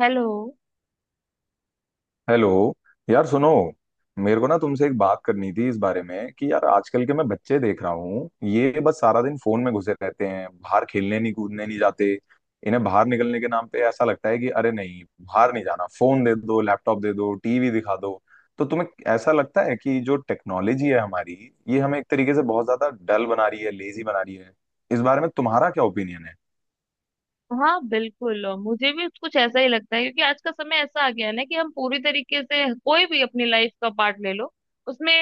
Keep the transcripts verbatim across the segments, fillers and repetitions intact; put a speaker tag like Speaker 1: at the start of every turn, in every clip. Speaker 1: Hello.
Speaker 2: Hello. यार सुनो, मेरे को ना तुमसे एक बात करनी थी इस बारे में कि यार आजकल के मैं बच्चे देख रहा हूँ, ये बस सारा दिन फोन में घुसे रहते हैं। बाहर खेलने नहीं, कूदने नहीं जाते। इन्हें बाहर निकलने के नाम पे ऐसा लगता है कि अरे नहीं, बाहर नहीं जाना, फोन दे दो, लैपटॉप दे दो, टीवी दिखा दो। तो तुम्हें ऐसा लगता है कि जो टेक्नोलॉजी है हमारी, ये हमें एक तरीके से बहुत ज्यादा डल बना रही है, लेजी बना रही है। इस बारे में तुम्हारा क्या ओपिनियन है?
Speaker 1: हाँ बिल्कुल, और मुझे भी कुछ ऐसा ही लगता है, क्योंकि आज का समय ऐसा आ गया है ना कि हम पूरी तरीके से कोई भी अपनी लाइफ का पार्ट ले लो, उसमें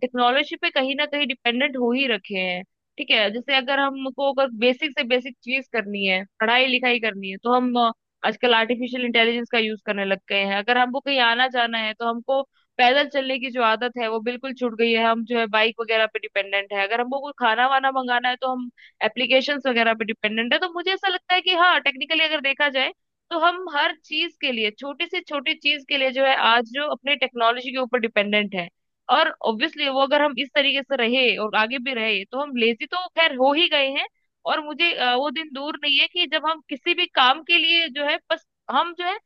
Speaker 1: टेक्नोलॉजी पे कहीं ना कहीं डिपेंडेंट हो ही रखे हैं। ठीक है, जैसे अगर हमको अगर बेसिक से बेसिक चीज करनी है, पढ़ाई लिखाई करनी है, तो हम अ, आजकल आर्टिफिशियल इंटेलिजेंस का यूज करने लग गए हैं। अगर हमको कहीं आना जाना है तो हमको पैदल चलने की जो आदत है वो बिल्कुल छूट गई है, हम जो है बाइक वगैरह पे डिपेंडेंट है। अगर हमको कोई खाना वाना मंगाना है तो हम एप्लीकेशंस वगैरह पे डिपेंडेंट है। तो मुझे ऐसा लगता है कि हाँ टेक्निकली अगर देखा जाए तो हम हर चीज के लिए, छोटी से छोटी चीज के लिए जो है आज जो अपने टेक्नोलॉजी के ऊपर डिपेंडेंट है। और ऑब्वियसली वो अगर हम इस तरीके से रहे और आगे भी रहे तो हम लेजी तो खैर हो ही गए हैं। और मुझे अ, वो दिन दूर नहीं है कि जब हम किसी भी काम के लिए जो है बस, हम जो है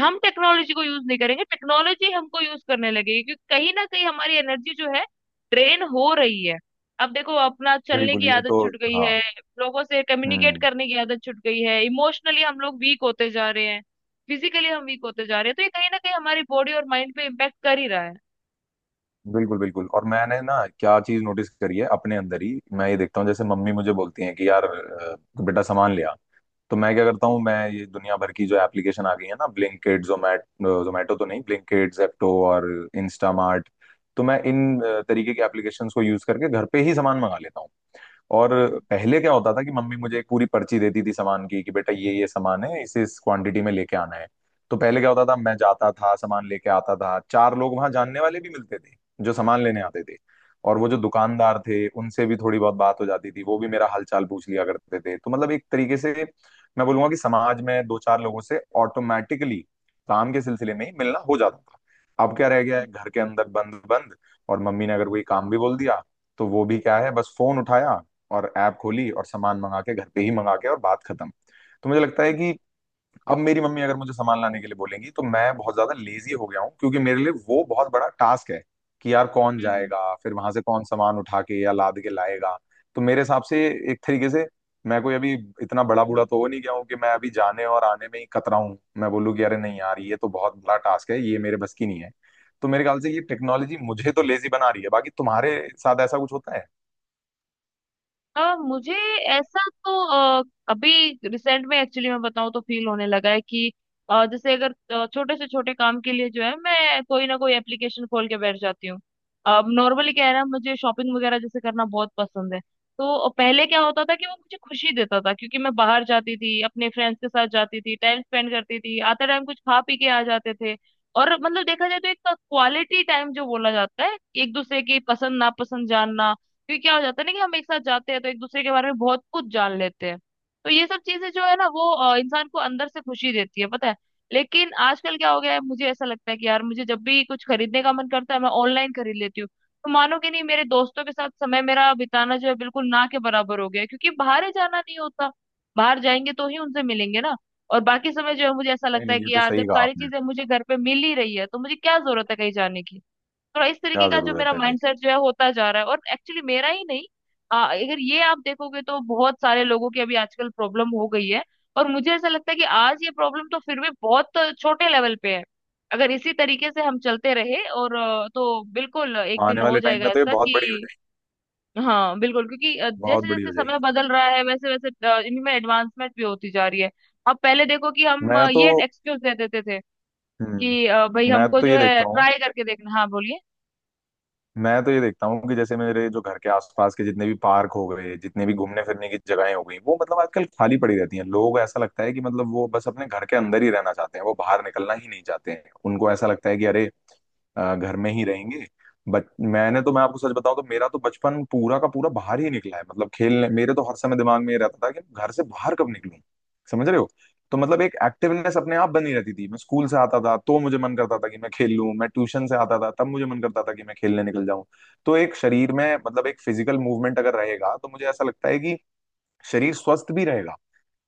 Speaker 1: हम टेक्नोलॉजी को यूज नहीं करेंगे, टेक्नोलॉजी हमको यूज करने लगेगी, क्योंकि कहीं ना कहीं हमारी एनर्जी जो है ड्रेन हो रही है। अब देखो अपना चलने
Speaker 2: बिल्कुल,
Speaker 1: की
Speaker 2: ये
Speaker 1: आदत
Speaker 2: तो।
Speaker 1: छूट गई
Speaker 2: हाँ।
Speaker 1: है, लोगों से कम्युनिकेट
Speaker 2: हम्म।
Speaker 1: करने की आदत छूट गई है, इमोशनली हम लोग वीक होते जा रहे हैं, फिजिकली हम वीक होते जा रहे हैं, तो ये कहीं ना कहीं हमारी बॉडी और माइंड पे इम्पेक्ट कर ही रहा है।
Speaker 2: बिल्कुल बिल्कुल। और मैंने ना क्या चीज नोटिस करी है अपने अंदर ही, मैं ये देखता हूँ जैसे मम्मी मुझे बोलती हैं कि यार अ, बेटा सामान ले आ। तो मैं क्या करता हूँ, मैं ये दुनिया भर की जो एप्लीकेशन आ गई है ना, ब्लिंकिट, जोमैट, जोमैटो तो नहीं, ब्लिंकिट, जेप्टो और इंस्टामार्ट, तो मैं इन अ, तरीके के एप्लीकेशंस को यूज करके घर पे ही सामान मंगा लेता हूँ। और
Speaker 1: हम्म
Speaker 2: पहले क्या होता था कि मम्मी मुझे एक पूरी पर्ची देती थी सामान की, कि बेटा ये ये सामान है, इसे इस क्वांटिटी में लेके आना है। तो पहले क्या होता था, मैं जाता था, सामान लेके आता था, चार लोग वहां जानने वाले भी मिलते थे जो सामान लेने आते थे। और वो जो दुकानदार थे उनसे भी थोड़ी बहुत बात हो जाती थी, वो भी मेरा हालचाल पूछ लिया करते थे। तो मतलब एक तरीके से मैं बोलूंगा कि समाज में दो चार लोगों से ऑटोमेटिकली काम के सिलसिले में ही मिलना हो जाता था। अब क्या रह गया
Speaker 1: हम्म
Speaker 2: है, घर के अंदर बंद बंद। और मम्मी ने अगर कोई काम भी बोल दिया, तो वो भी क्या है, बस फोन उठाया और ऐप खोली और सामान मंगा के घर पे ही मंगा के, और बात खत्म। तो मुझे लगता है कि अब मेरी मम्मी अगर मुझे सामान लाने के लिए बोलेंगी, तो मैं बहुत ज्यादा लेजी हो गया हूँ क्योंकि मेरे लिए वो बहुत बड़ा टास्क है कि यार कौन
Speaker 1: हम्म।
Speaker 2: जाएगा फिर वहां से, कौन सामान उठा के या लाद के लाएगा। तो मेरे हिसाब से एक तरीके से मैं कोई अभी इतना बड़ा बूढ़ा तो हो नहीं गया हूँ कि मैं अभी जाने और आने में ही कतराऊं, मैं बोलूँ कि अरे नहीं यार, ये तो बहुत बड़ा टास्क है, ये मेरे बस की नहीं है। तो मेरे ख्याल से ये टेक्नोलॉजी मुझे तो लेजी बना रही है, बाकी तुम्हारे साथ ऐसा कुछ होता है?
Speaker 1: अ, मुझे ऐसा तो अ, अभी रिसेंट में एक्चुअली मैं बताऊं तो फील होने लगा है कि अ, जैसे अगर अ, छोटे से छोटे काम के लिए जो है मैं कोई ना कोई एप्लीकेशन खोल के बैठ जाती हूँ। अब नॉर्मली क्या है ना, मुझे शॉपिंग वगैरह जैसे करना बहुत पसंद है। तो पहले क्या होता था कि वो मुझे खुशी देता था, क्योंकि मैं बाहर जाती थी, अपने फ्रेंड्स के साथ जाती थी, टाइम स्पेंड करती थी, आते टाइम कुछ खा पी के आ जाते थे। और मतलब देखा जाए तो एक क्वालिटी टाइम जो बोला जाता है, एक दूसरे की पसंद नापसंद जानना, क्योंकि क्या हो जाता है ना कि हम एक साथ जाते हैं तो एक दूसरे के बारे में बहुत कुछ जान लेते हैं। तो ये सब चीजें जो है ना वो अ, इंसान को अंदर से खुशी देती है, पता है। लेकिन आजकल क्या हो गया है, मुझे ऐसा लगता है कि यार मुझे जब भी कुछ खरीदने का मन करता है मैं ऑनलाइन खरीद लेती हूँ। तो मानोगे नहीं, मेरे दोस्तों के साथ समय मेरा बिताना जो है बिल्कुल ना के बराबर हो गया है, क्योंकि बाहर ही जाना नहीं होता। बाहर जाएंगे तो ही उनसे मिलेंगे ना। और बाकी समय जो है मुझे ऐसा
Speaker 2: नहीं
Speaker 1: लगता है
Speaker 2: नहीं, ये
Speaker 1: कि
Speaker 2: तो
Speaker 1: यार
Speaker 2: सही
Speaker 1: जब
Speaker 2: कहा
Speaker 1: सारी
Speaker 2: आपने।
Speaker 1: चीजें मुझे घर पे मिल ही रही है तो मुझे क्या जरूरत है कहीं जाने की। थोड़ा इस तरीके
Speaker 2: क्या
Speaker 1: का जो मेरा
Speaker 2: जरूरत है भाई।
Speaker 1: माइंडसेट जो है होता जा रहा है, और एक्चुअली मेरा ही नहीं, आ, अगर ये आप देखोगे तो बहुत सारे लोगों की अभी आजकल प्रॉब्लम हो गई है। और मुझे ऐसा लगता है कि आज ये प्रॉब्लम तो फिर भी बहुत छोटे लेवल पे है। अगर इसी तरीके से हम चलते रहे और अ, तो बिल्कुल एक
Speaker 2: आने
Speaker 1: दिन हो
Speaker 2: वाले टाइम
Speaker 1: जाएगा
Speaker 2: में तो ये
Speaker 1: ऐसा
Speaker 2: बहुत बड़ी हो
Speaker 1: कि
Speaker 2: जाएगी।
Speaker 1: हाँ बिल्कुल, क्योंकि अ,
Speaker 2: बहुत
Speaker 1: जैसे
Speaker 2: बड़ी
Speaker 1: जैसे
Speaker 2: हो
Speaker 1: समय
Speaker 2: जाएगी।
Speaker 1: बदल रहा है वैसे वैसे अ, इनमें एडवांसमेंट भी होती जा रही है। अब पहले देखो कि हम
Speaker 2: मैं
Speaker 1: अ,
Speaker 2: तो।
Speaker 1: ये एक्सक्यूज दे देते थे कि
Speaker 2: हम्म।
Speaker 1: अ, भाई
Speaker 2: मैं
Speaker 1: हमको
Speaker 2: तो
Speaker 1: जो
Speaker 2: ये
Speaker 1: है
Speaker 2: देखता हूँ,
Speaker 1: ट्राई करके देखना। हाँ बोलिए,
Speaker 2: मैं तो ये देखता हूँ कि जैसे मेरे जो घर के आसपास के जितने भी पार्क हो गए, जितने भी घूमने फिरने की जगहें हो गई, वो मतलब आजकल खाली पड़ी रहती हैं। लोग ऐसा लगता है कि मतलब वो बस अपने घर के अंदर ही रहना चाहते हैं, वो बाहर निकलना ही नहीं चाहते हैं। उनको ऐसा लगता है कि अरे अ, घर में ही रहेंगे। बट मैंने तो, मैं आपको सच बताऊं तो, मेरा तो बचपन पूरा का पूरा बाहर ही निकला है, मतलब खेलने। मेरे तो हर समय दिमाग में ये रहता था कि घर से बाहर कब निकलूं, समझ रहे हो? तो मतलब एक एक्टिवनेस अपने आप बनी रहती थी। मैं स्कूल से आता था तो मुझे मन करता था कि मैं खेल लूं, मैं ट्यूशन से आता था तब मुझे मन करता था कि मैं खेलने निकल जाऊं। तो एक शरीर में मतलब एक फिजिकल मूवमेंट अगर रहेगा तो मुझे ऐसा लगता है कि शरीर स्वस्थ भी रहेगा,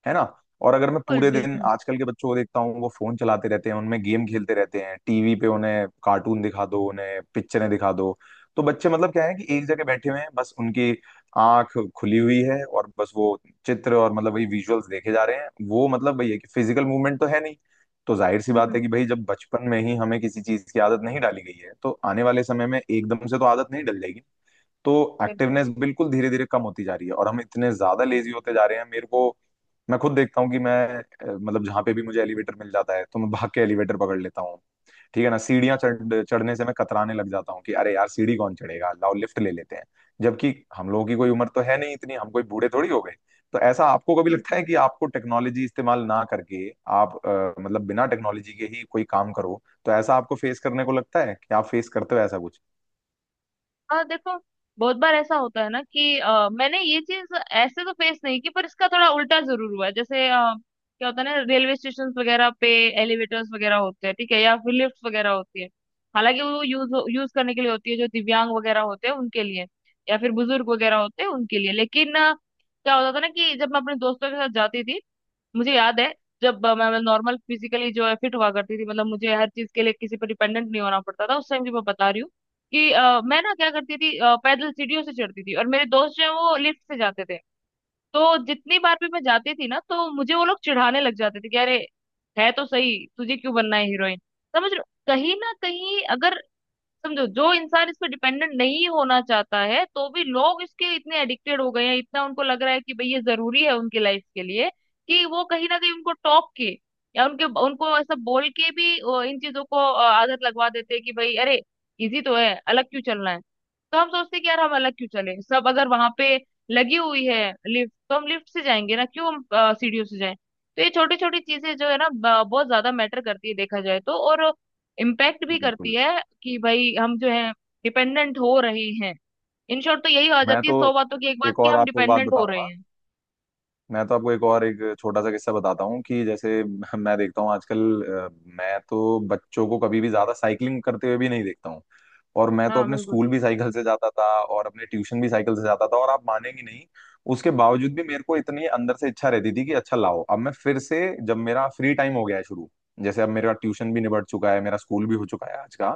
Speaker 2: है ना। और अगर मैं
Speaker 1: बिल्कुल
Speaker 2: पूरे दिन
Speaker 1: बिल्कुल।
Speaker 2: आजकल के बच्चों को देखता हूँ, वो फोन चलाते रहते हैं, उनमें गेम खेलते रहते हैं, टीवी पे उन्हें कार्टून दिखा दो, उन्हें पिक्चरें दिखा दो, तो बच्चे मतलब क्या है कि एक जगह बैठे हुए हैं, बस उनकी आंख खुली हुई है और बस वो चित्र और मतलब वही विजुअल्स देखे जा रहे हैं। वो मतलब वही है कि फिजिकल मूवमेंट तो है नहीं। तो जाहिर सी बात
Speaker 1: हम्म।
Speaker 2: है कि भाई जब बचपन में ही हमें किसी चीज की आदत नहीं डाली गई है, तो आने वाले समय में एकदम से तो आदत नहीं डल जाएगी ना। तो
Speaker 1: बिल्कुल
Speaker 2: एक्टिवनेस बिल्कुल धीरे धीरे कम होती जा रही है और हम इतने ज्यादा लेजी होते जा रहे हैं। मेरे को, मैं खुद देखता हूँ कि मैं अ, मतलब जहां पे भी मुझे एलिवेटर मिल जाता है तो मैं भाग के एलिवेटर पकड़ लेता हूँ, ठीक है ना। सीढ़ियां चढ़ चढ़ने से मैं कतराने लग जाता हूँ कि अरे यार सीढ़ी कौन चढ़ेगा, लाओ लिफ्ट ले लेते हैं। जबकि हम लोगों की कोई उम्र तो है नहीं इतनी, हम कोई बूढ़े थोड़ी हो गए। तो ऐसा आपको कभी लगता है
Speaker 1: बिल्कुल।
Speaker 2: कि आपको टेक्नोलॉजी इस्तेमाल ना करके, आप अ, मतलब बिना टेक्नोलॉजी के ही कोई काम करो, तो ऐसा आपको फेस करने को लगता है कि आप फेस करते हो ऐसा कुछ?
Speaker 1: और देखो बहुत बार ऐसा होता है ना कि अ, मैंने ये चीज ऐसे तो फेस नहीं की, पर इसका थोड़ा उल्टा जरूर हुआ है। जैसे अ, क्या होता है ना, रेलवे स्टेशन वगैरह पे एलिवेटर्स वगैरह होते हैं, ठीक है, या फिर लिफ्ट वगैरह होती है। हालांकि वो यूज यूज करने के लिए होती है जो दिव्यांग वगैरह होते हैं उनके लिए, या फिर बुजुर्ग वगैरह होते हैं उनके लिए, लेकिन अ, क्या होता था ना कि जब मैं अपने दोस्तों के साथ जाती थी, मुझे याद है, जब अ, मैं नॉर्मल फिजिकली जो है फिट हुआ करती थी, मतलब मुझे हर चीज के लिए किसी पर डिपेंडेंट नहीं होना पड़ता था, उस टाइम की मैं बता रही हूँ, कि अ, मैं ना क्या करती थी, अ, पैदल सीढ़ियों से चढ़ती थी और मेरे दोस्त जो है वो लिफ्ट से जाते थे। तो जितनी बार भी मैं जाती थी ना तो मुझे वो लोग चिढ़ाने लग जाते थे कि अरे, है तो सही, तुझे क्यों बनना है हीरोइन। समझ रहे हो? कहीं ना कहीं अगर समझो, जो इंसान इस पे डिपेंडेंट नहीं होना चाहता है तो भी लोग इसके इतने एडिक्टेड हो गए हैं, इतना उनको लग रहा है कि भाई ये जरूरी है उनकी लाइफ के लिए, कि वो कहीं ना कहीं उनको टोक के या उनके उनको ऐसा बोल के भी अ, इन चीजों को अ, आदत लगवा देते हैं कि भाई अरे, इजी तो है, अलग क्यों चलना है। तो हम सोचते हैं कि यार हम अलग क्यों चले, सब अगर वहां पे लगी हुई है लिफ्ट तो हम लिफ्ट से जाएंगे ना, क्यों हम अ, सीढ़ियों से जाएं। तो ये छोटी छोटी चीजें जो है ना ब- बहुत ज्यादा मैटर करती है देखा जाए तो, और इम्पैक्ट भी करती
Speaker 2: बिल्कुल।
Speaker 1: है कि भाई हम जो है डिपेंडेंट हो रहे हैं। इन शॉर्ट तो यही आ
Speaker 2: मैं
Speaker 1: जाती है,
Speaker 2: तो
Speaker 1: सौ बातों की एक बात,
Speaker 2: एक
Speaker 1: कि
Speaker 2: और
Speaker 1: हम
Speaker 2: आपको बात
Speaker 1: डिपेंडेंट हो रहे
Speaker 2: बताऊंगा,
Speaker 1: हैं।
Speaker 2: मैं तो आपको एक और एक छोटा सा किस्सा बताता हूँ कि जैसे मैं देखता हूँ आजकल अ, मैं तो बच्चों को कभी भी ज्यादा साइकिलिंग करते हुए भी नहीं देखता हूँ। और मैं तो
Speaker 1: हाँ
Speaker 2: अपने
Speaker 1: बिल्कुल।
Speaker 2: स्कूल भी साइकिल से जाता था और अपने ट्यूशन भी साइकिल से जाता था, और आप मानेंगे नहीं, उसके बावजूद भी मेरे को इतनी अंदर से इच्छा रहती थी कि अच्छा लाओ, अब मैं फिर से, जब मेरा फ्री टाइम हो गया है शुरू, जैसे अब मेरा ट्यूशन भी निबट चुका है, मेरा स्कूल भी हो चुका है आज का,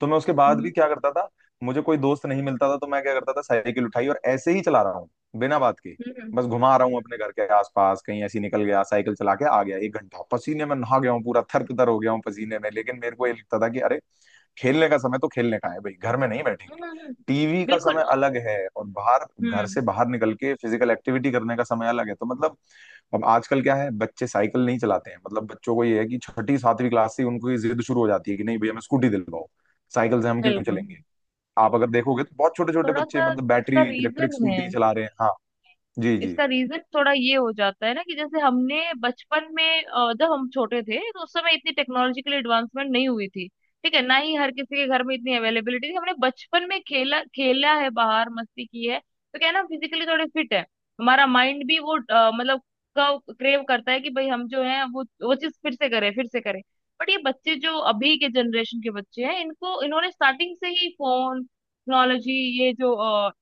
Speaker 2: तो मैं उसके बाद भी
Speaker 1: हम्म
Speaker 2: क्या करता था, मुझे कोई दोस्त नहीं मिलता था तो मैं क्या करता था, साइकिल उठाई और ऐसे ही चला रहा हूँ, बिना बात के,
Speaker 1: हम्म हम्म
Speaker 2: बस घुमा रहा हूँ अपने घर के आसपास, कहीं ऐसी निकल गया, साइकिल चला के आ गया, एक घंटा पसीने में नहा गया हूँ पूरा, थर तर हो गया हूँ पसीने में, लेकिन मेरे को ये लगता था कि अरे खेलने का समय तो खेलने का है भाई, घर में नहीं बैठेंगे।
Speaker 1: हम्म, हम्म,
Speaker 2: टीवी का
Speaker 1: बिल्कुल।
Speaker 2: समय अलग है और बाहर, घर से
Speaker 1: हम्म।
Speaker 2: बाहर निकल के फिजिकल एक्टिविटी करने का समय अलग है, तो मतलब। अब आजकल क्या है, बच्चे साइकिल नहीं चलाते हैं, मतलब बच्चों को ये है कि छठी सातवीं क्लास से ही उनको ये जिद शुरू हो जाती है कि नहीं भैया हमें स्कूटी दिलवाओ, साइकिल से हम क्यों
Speaker 1: बिल्कुल।
Speaker 2: चलेंगे। आप अगर देखोगे तो बहुत छोटे छोटे
Speaker 1: थोड़ा
Speaker 2: बच्चे
Speaker 1: सा
Speaker 2: मतलब
Speaker 1: इसका
Speaker 2: बैटरी इलेक्ट्रिक
Speaker 1: रीजन है।
Speaker 2: स्कूटी चला रहे हैं। हाँ। जी जी।
Speaker 1: इसका रीजन थोड़ा ये हो जाता है ना कि जैसे हमने बचपन में, अ, जब हम छोटे थे तो उस समय इतनी टेक्नोलॉजिकल एडवांसमेंट नहीं हुई थी, ठीक है, ना ही हर किसी के घर में इतनी अवेलेबिलिटी थी। हमने बचपन में खेला खेला है, बाहर मस्ती की है, तो क्या है ना, फिजिकली थोड़े फिट है, हमारा माइंड भी वो अ, मतलब क्रेव करता है कि भाई हम जो है वो वो चीज फिर से करें फिर से करें। बट ये बच्चे जो अभी के जनरेशन के बच्चे हैं, इनको इन्होंने स्टार्टिंग से ही फोन, टेक्नोलॉजी, ये जो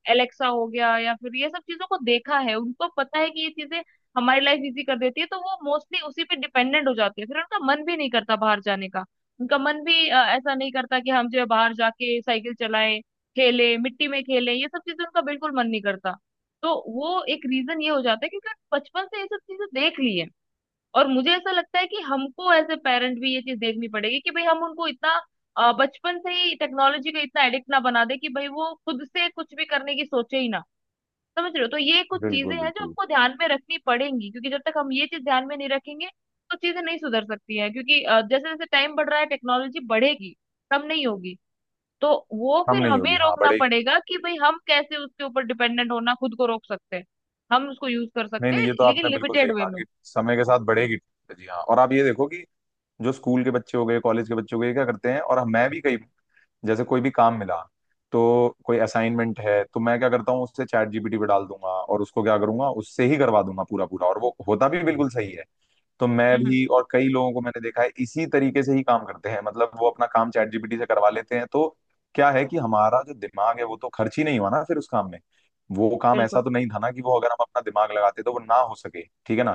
Speaker 1: एलेक्सा हो गया या फिर ये सब चीजों को देखा है, उनको पता है कि ये चीजें हमारी लाइफ इजी कर देती है, तो वो मोस्टली उसी पे डिपेंडेंट हो जाते हैं, फिर उनका मन भी नहीं करता बाहर जाने का। उनका मन भी अ, ऐसा नहीं करता कि हम जो है बाहर जाके साइकिल चलाएं, खेलें, मिट्टी में खेलें, ये सब चीजें उनका बिल्कुल मन नहीं करता। तो वो एक रीजन ये हो जाता है, क्योंकि बचपन से ये सब चीजें देख ली है। और मुझे ऐसा लगता है कि हमको एज ए पेरेंट भी ये चीज देखनी पड़ेगी कि भाई हम उनको इतना अ, बचपन से ही टेक्नोलॉजी का इतना एडिक्ट ना बना दे कि भाई वो खुद से कुछ भी करने की सोचे ही ना। समझ रहे हो, तो ये कुछ चीजें
Speaker 2: बिल्कुल
Speaker 1: हैं जो
Speaker 2: बिल्कुल।
Speaker 1: हमको ध्यान में रखनी पड़ेंगी, क्योंकि जब तक हम ये चीज ध्यान में नहीं रखेंगे तो चीजें नहीं सुधर सकती है, क्योंकि अ, जैसे जैसे टाइम बढ़ रहा है टेक्नोलॉजी बढ़ेगी, कम नहीं होगी। तो वो
Speaker 2: कम
Speaker 1: फिर
Speaker 2: नहीं
Speaker 1: हमें
Speaker 2: होगी, हाँ
Speaker 1: रोकना
Speaker 2: बढ़ेगी।
Speaker 1: पड़ेगा कि भाई हम कैसे उसके ऊपर डिपेंडेंट होना खुद को रोक सकते हैं। हम उसको यूज कर
Speaker 2: नहीं
Speaker 1: सकते
Speaker 2: नहीं,
Speaker 1: हैं
Speaker 2: ये तो
Speaker 1: लेकिन
Speaker 2: आपने बिल्कुल सही
Speaker 1: लिमिटेड वे
Speaker 2: कहा
Speaker 1: में।
Speaker 2: कि समय के साथ बढ़ेगी टेक्नोलॉजी, हाँ। और आप ये देखो कि जो स्कूल के बच्चे हो गए, कॉलेज के बच्चे हो गए, ये क्या करते हैं, और मैं भी, कई जैसे कोई भी काम मिला तो, कोई असाइनमेंट है तो मैं क्या करता हूँ, उससे चैट जी पी टी पे डाल दूंगा और उसको क्या करूंगा, उससे ही करवा दूंगा पूरा पूरा, और वो होता भी बिल्कुल सही है। तो मैं
Speaker 1: हम्म
Speaker 2: भी और कई लोगों को मैंने देखा है इसी तरीके से ही काम करते हैं, मतलब वो अपना काम चैट जी पी टी से करवा लेते हैं। तो क्या है कि हमारा जो दिमाग है वो तो खर्च ही नहीं हुआ ना फिर उस काम में। वो काम ऐसा
Speaker 1: बिल्कुल।
Speaker 2: तो नहीं था ना कि वो अगर हम अपना दिमाग लगाते तो वो ना हो सके, ठीक है ना।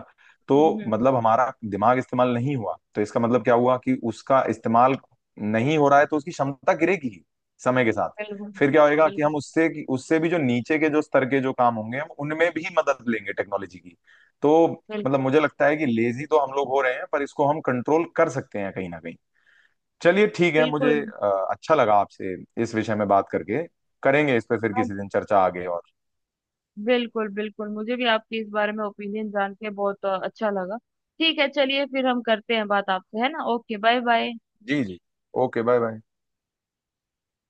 Speaker 2: तो
Speaker 1: हम्म
Speaker 2: मतलब हमारा दिमाग इस्तेमाल नहीं हुआ, तो इसका मतलब क्या हुआ कि उसका इस्तेमाल नहीं हो रहा है, तो उसकी क्षमता गिरेगी ही समय के साथ।
Speaker 1: बिल्कुल
Speaker 2: फिर क्या होएगा कि
Speaker 1: बिल्कुल
Speaker 2: हम उससे उससे भी जो नीचे के जो स्तर के जो काम होंगे हम उनमें भी मदद लेंगे टेक्नोलॉजी की। तो
Speaker 1: बिल्कुल।
Speaker 2: मतलब मुझे लगता है कि लेजी तो हम लोग हो रहे हैं पर इसको हम कंट्रोल कर सकते हैं कहीं ना कहीं। चलिए ठीक है, मुझे
Speaker 1: बिल्कुल
Speaker 2: अ, अच्छा लगा आपसे इस विषय में बात करके। करेंगे इस पे फिर
Speaker 1: हाँ,
Speaker 2: किसी दिन चर्चा आगे और।
Speaker 1: बिल्कुल बिल्कुल, मुझे भी आपके इस बारे में ओपिनियन जान के बहुत अ, अच्छा लगा। ठीक है चलिए, फिर हम करते हैं बात आपसे, है ना। Okay bye bye.
Speaker 2: जी जी, ओके बाय बाय।